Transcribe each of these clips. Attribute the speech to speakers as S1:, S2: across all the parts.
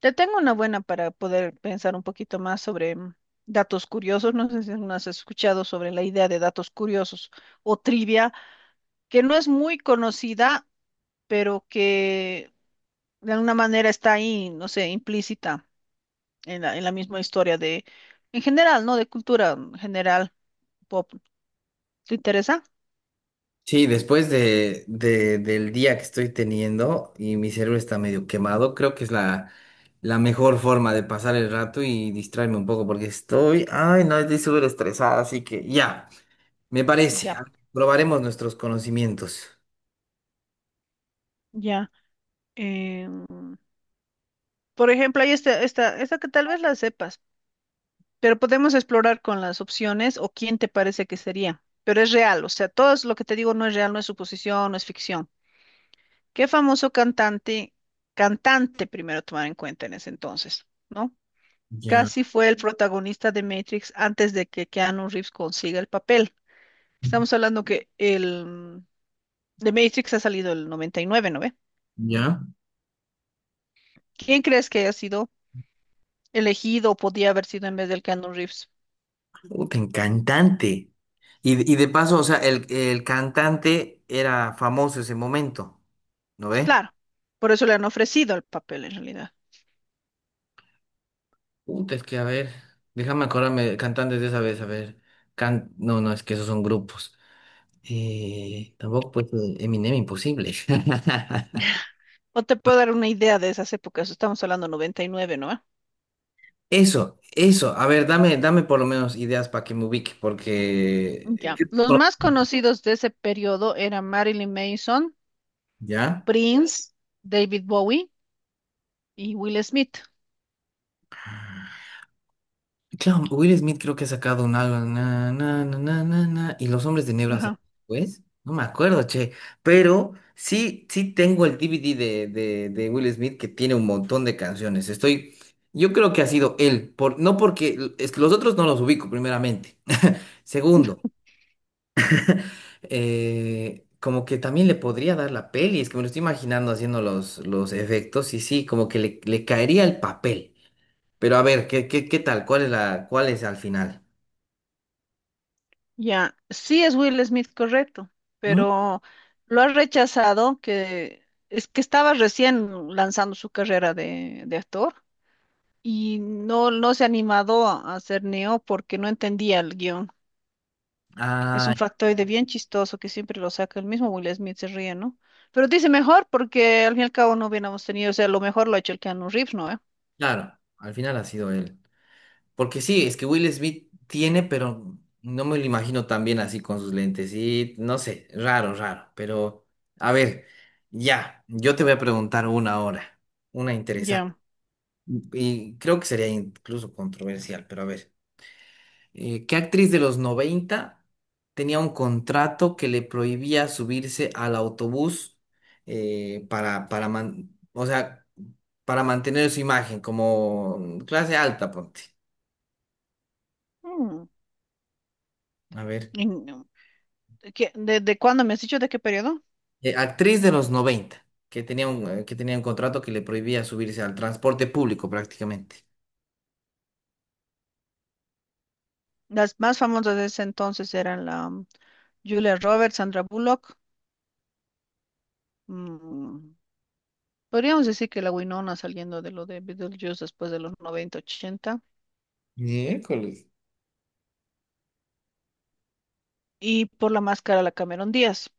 S1: Te tengo una buena para poder pensar un poquito más sobre datos curiosos. No sé si no has escuchado sobre la idea de datos curiosos o trivia, que no es muy conocida, pero que de alguna manera está ahí, no sé, implícita en la misma historia de, en general, ¿no? De cultura general pop. ¿Te interesa?
S2: Sí, después del día que estoy teniendo y mi cerebro está medio quemado, creo que es la mejor forma de pasar el rato y distraerme un poco porque estoy, ay, no, estoy súper estresada, así que ya, me parece,
S1: Ya.
S2: probaremos nuestros conocimientos.
S1: Ya. Em, por ejemplo, hay esta que tal vez la sepas. Pero podemos explorar con las opciones o quién te parece que sería. Pero es real, o sea, todo es lo que te digo no es real, no es suposición, no es ficción. ¿Qué famoso cantante primero tomar en cuenta en ese entonces, ¿no?
S2: Ya,
S1: Casi fue el protagonista de Matrix antes de que Keanu Reeves consiga el papel. Estamos hablando que el de Matrix ha salido el 99, ¿no ve?
S2: ya.
S1: ¿Quién crees que haya sido elegido o podía haber sido en vez del Keanu Reeves?
S2: Puta, en cantante. Y de paso, o sea, el cantante era famoso ese momento, ¿no ve?
S1: Claro, por eso le han ofrecido el papel en realidad.
S2: Puta, es que a ver, déjame acordarme de cantantes de esa vez, a ver. Can... No, no, es que esos son grupos. Tampoco pues Eminem imposible.
S1: O te puedo dar una idea de esas épocas. Estamos hablando 99, ¿no?
S2: Eso, a ver, dame, dame por lo menos ideas para que me ubique, porque...
S1: Ya. Los más conocidos de ese periodo eran Marilyn Manson,
S2: ¿Ya?
S1: Prince, David Bowie y Will Smith.
S2: Claro, Will Smith creo que ha sacado un álbum, na, na, na, na, na, na, y Los Hombres de Negro han
S1: Ajá.
S2: sacado, pues, no me acuerdo, che, pero sí, sí tengo el DVD de Will Smith que tiene un montón de canciones, estoy, yo creo que ha sido él, por, no porque, es que los otros no los ubico primeramente, segundo, como que también le podría dar la peli, es que me lo estoy imaginando haciendo los efectos, y sí, como que le caería el papel, pero a ver, ¿ qué tal? ¿Cuál es cuál es al final?
S1: Ya. Sí es Will Smith correcto, pero lo ha rechazado que es que estaba recién lanzando su carrera de actor y no se ha animado a hacer Neo porque no entendía el guión. Es
S2: Ah,
S1: un factoide bien chistoso que siempre lo saca el mismo Will Smith, se ríe, ¿no? Pero dice mejor porque al fin y al cabo no hubiéramos tenido, o sea, lo mejor lo ha hecho el Keanu Reeves, ¿no, eh?
S2: claro, al final ha sido él. Porque sí, es que Will Smith tiene, pero no me lo imagino tan bien así con sus lentes. Y no sé, raro, raro. Pero, a ver, ya, yo te voy a preguntar una ahora, una interesante.
S1: Ya.
S2: Y creo que sería incluso controversial, pero a ver. ¿Qué actriz de los 90 tenía un contrato que le prohibía subirse al autobús man- o sea, para mantener su imagen como clase alta, ponte?
S1: Mm.
S2: A ver.
S1: Y no. ¿De cuándo me has dicho? ¿De qué periodo?
S2: Actriz de los 90 que tenía un contrato que le prohibía subirse al transporte público prácticamente.
S1: Las más famosas de ese entonces eran la Julia Roberts, Sandra Bullock. mm, Podríamos decir que la Winona saliendo de lo de Beetlejuice después de los 90 ochenta.
S2: Miércoles.
S1: Y por la máscara, la Cameron Díaz.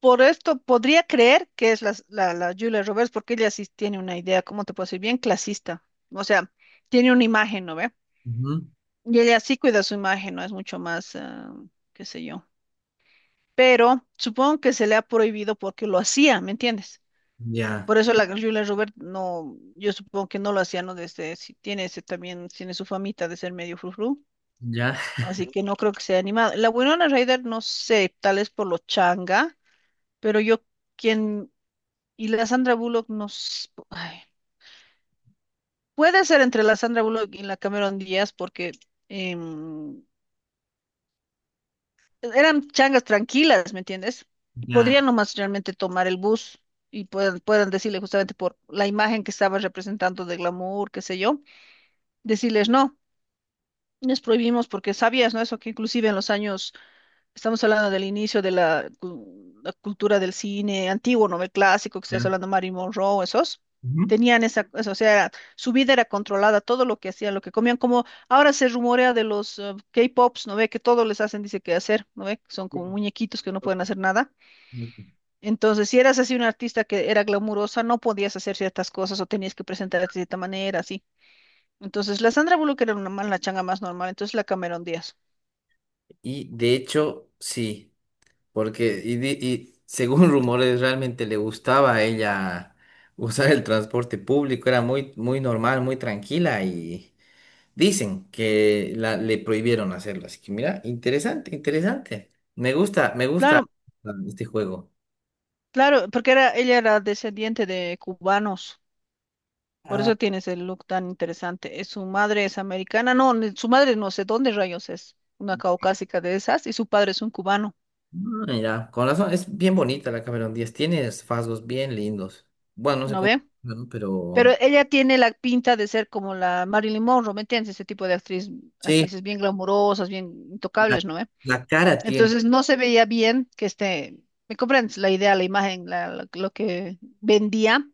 S1: Por esto podría creer que es la Julia Roberts, porque ella sí tiene una idea, ¿cómo te puedo decir? Bien clasista. O sea, tiene una imagen, ¿no ve?
S2: Ujú.
S1: Y ella sí cuida su imagen, ¿no? Es mucho más, qué sé yo. Pero supongo que se le ha prohibido porque lo hacía, ¿me entiendes?
S2: Ya,
S1: Por eso la Julia Roberts no, yo supongo que no lo hacía, ¿no? Desde, si tiene ese también, tiene su famita de ser medio frufru.
S2: ya,
S1: Así que no creo que sea animado. La Winona Ryder, no sé, tal vez por lo changa, pero yo, quien. Y la Sandra Bullock nos... Ay, puede ser entre la Sandra Bullock y la Cameron Díaz porque em, eran changas tranquilas, ¿me entiendes? Y
S2: ya,
S1: podrían nomás realmente tomar el bus y puedan decirle justamente por la imagen que estaba representando de glamour, qué sé yo, decirles no, les prohibimos porque sabías, ¿no? Eso que inclusive en los años. Estamos hablando del inicio de la cultura del cine antiguo, ¿no? El clásico, que estás
S2: ya.
S1: hablando Marilyn Monroe, esos.
S2: Ujú.
S1: Tenían eso, o sea, su vida era controlada, todo lo que hacían, lo que comían, como ahora se rumorea de los K-pops, ¿no ve? Que todo les hacen, dice que hacer, ¿no ve? Son como
S2: Sí.
S1: muñequitos que no pueden hacer nada. Entonces, si eras así una artista que era glamurosa, no podías hacer ciertas cosas o tenías que presentarte de cierta manera, así. Entonces, la Sandra Bullock era la changa más normal, entonces la Cameron Díaz.
S2: Y de hecho, sí. Porque, y, di- y según rumores, realmente le gustaba a ella usar el transporte público, era muy, muy normal, muy tranquila y dicen que le prohibieron hacerlo. Así que mira, interesante, interesante. Me gusta
S1: Claro.
S2: este juego.
S1: Claro, porque era, ella era descendiente de cubanos, por eso tienes el look tan interesante. Su madre es americana, no, su madre no sé dónde rayos es, una caucásica de esas, y su padre es un cubano,
S2: Mm, mira, con razón, es bien bonita la Cameron Díaz, tiene rasgos bien lindos. Bueno, no sé
S1: ¿no
S2: cómo,
S1: ve?
S2: ¿no?
S1: Pero
S2: Pero
S1: ella tiene la pinta de ser como la Marilyn Monroe, ¿me entiendes? Ese tipo de actriz,
S2: sí,
S1: actrices bien glamurosas, bien
S2: la,
S1: intocables, ¿no ve?
S2: la cara tiene.
S1: Entonces no se veía bien que este, ¿me comprendes? La idea, la imagen, lo que vendía,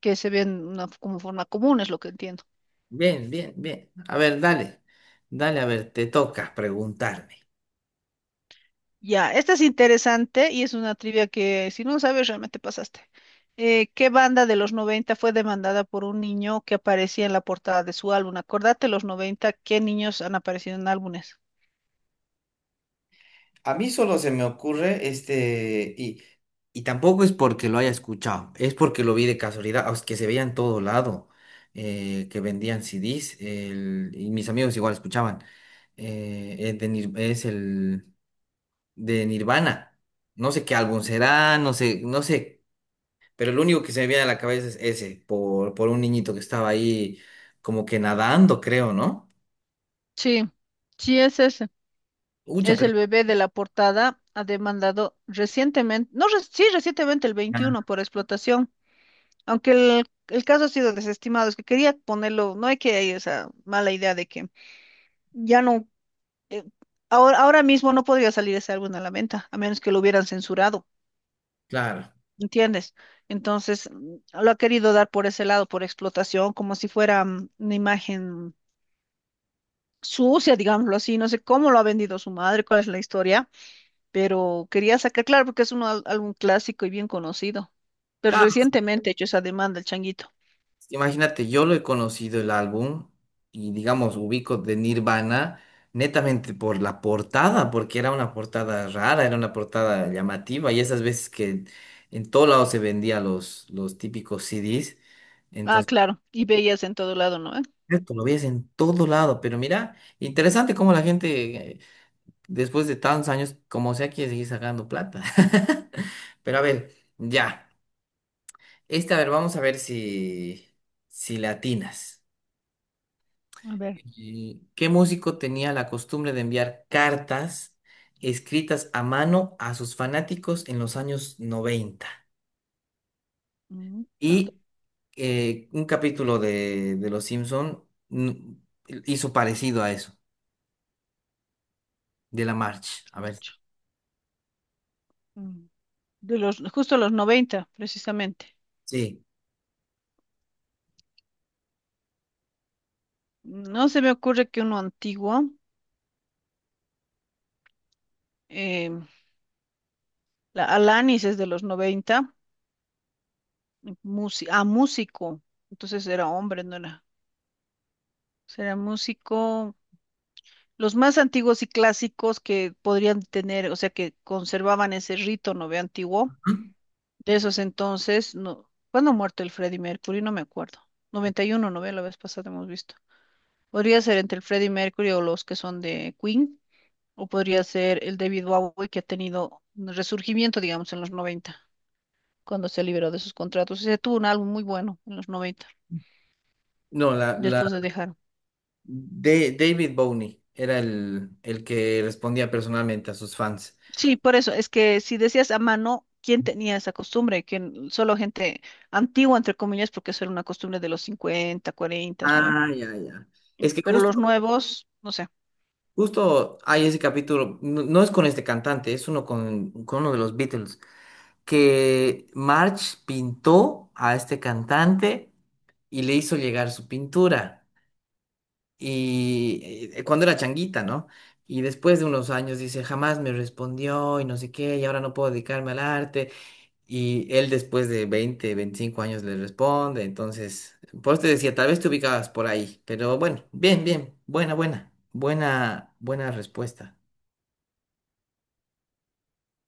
S1: que se ve en una, como forma común, es lo que entiendo.
S2: Bien, bien, bien. A ver, dale, dale, a ver, te toca preguntarme.
S1: Ya, esta es interesante y es una trivia que si no sabes realmente pasaste. ¿Qué banda de los 90 fue demandada por un niño que aparecía en la portada de su álbum? Acordate, los noventa, ¿qué niños han aparecido en álbumes?
S2: A mí solo se me ocurre este, y tampoco es porque lo haya escuchado, es porque lo vi de casualidad, o es que se veía en todo lado, que vendían CDs, el- y mis amigos igual escuchaban. Es es el de Nirvana. No sé qué álbum será, no sé, no sé, pero lo único que se me viene a la cabeza es ese, por un niñito que estaba ahí como que nadando, creo, ¿no?
S1: Sí, sí es ese.
S2: Ucha,
S1: Es
S2: pero...
S1: el bebé de la portada, ha demandado recientemente, no, sí, recientemente el
S2: Ah,
S1: 21 por explotación, aunque el caso ha sido desestimado, es que quería ponerlo, no hay que, hay esa mala idea de que ya no, eh, ahora, mismo no podría salir ese álbum a la venta, a menos que lo hubieran censurado,
S2: claro.
S1: ¿entiendes? Entonces, lo ha querido dar por ese lado, por explotación, como si fuera una imagen sucia, digámoslo así. No sé cómo lo ha vendido su madre, cuál es la historia, pero quería sacar, claro, porque es un álbum clásico y bien conocido. Pero recientemente he hecho esa demanda, el changuito.
S2: Imagínate, yo lo he conocido el álbum y digamos ubico de Nirvana netamente por la portada, porque era una portada rara, era una portada llamativa y esas veces que en todo lado se vendía los típicos CDs,
S1: Ah,
S2: entonces
S1: claro, y veías en todo lado, ¿no, eh?
S2: esto lo veías en todo lado, pero mira, interesante cómo la gente después de tantos años, como sea, quiere seguir sacando plata. Pero a ver, ya, esta, a ver, vamos a ver si, si le atinas.
S1: A ver.
S2: ¿Qué músico tenía la costumbre de enviar cartas escritas a mano a sus fanáticos en los años 90?
S1: mm, ta-
S2: Y un capítulo de Los Simpson mm, hizo parecido a eso, de la March. A ver,
S1: Ocho. mm, De los, justo los 90, precisamente.
S2: sí.
S1: No se me ocurre que uno antiguo, eh, la Alanis es de los 90, músico, entonces era hombre, no era, será músico. Los más antiguos y clásicos que podrían tener, o sea, que conservaban ese rito, ¿no ve? Antiguo,
S2: Ujú.
S1: de esos entonces, no, ¿cuándo ha muerto el Freddie Mercury? No me acuerdo. 91, ¿no ve? La vez pasada hemos visto. Podría ser entre el Freddie Mercury o los que son de Queen, o podría ser el David Bowie que ha tenido un resurgimiento, digamos, en los noventa, cuando se liberó de sus contratos. Ese tuvo un álbum muy bueno en los noventa,
S2: No,
S1: después de dejar.
S2: David Bowie era el que respondía personalmente a sus fans.
S1: Sí, por eso, es que si decías a mano, ¿quién tenía esa costumbre? ¿Quién? Solo gente antigua, entre comillas, porque eso era una costumbre de los 50, 40, ¿no ve?
S2: Ah, ya, ya. Es que
S1: Pero los
S2: justo
S1: nuevos, no sé.
S2: Justo hay ese capítulo, no, no es con este cantante, es uno con uno de los Beatles, que Marge pintó a este cantante y le hizo llegar su pintura. Y cuando era changuita, ¿no? Y después de unos años dice, jamás me respondió y no sé qué, y ahora no puedo dedicarme al arte. Y él después de 20, 25 años le responde. Entonces, por eso te decía, tal vez te ubicabas por ahí, pero bueno, bien, bien, buena, buena, buena, buena respuesta.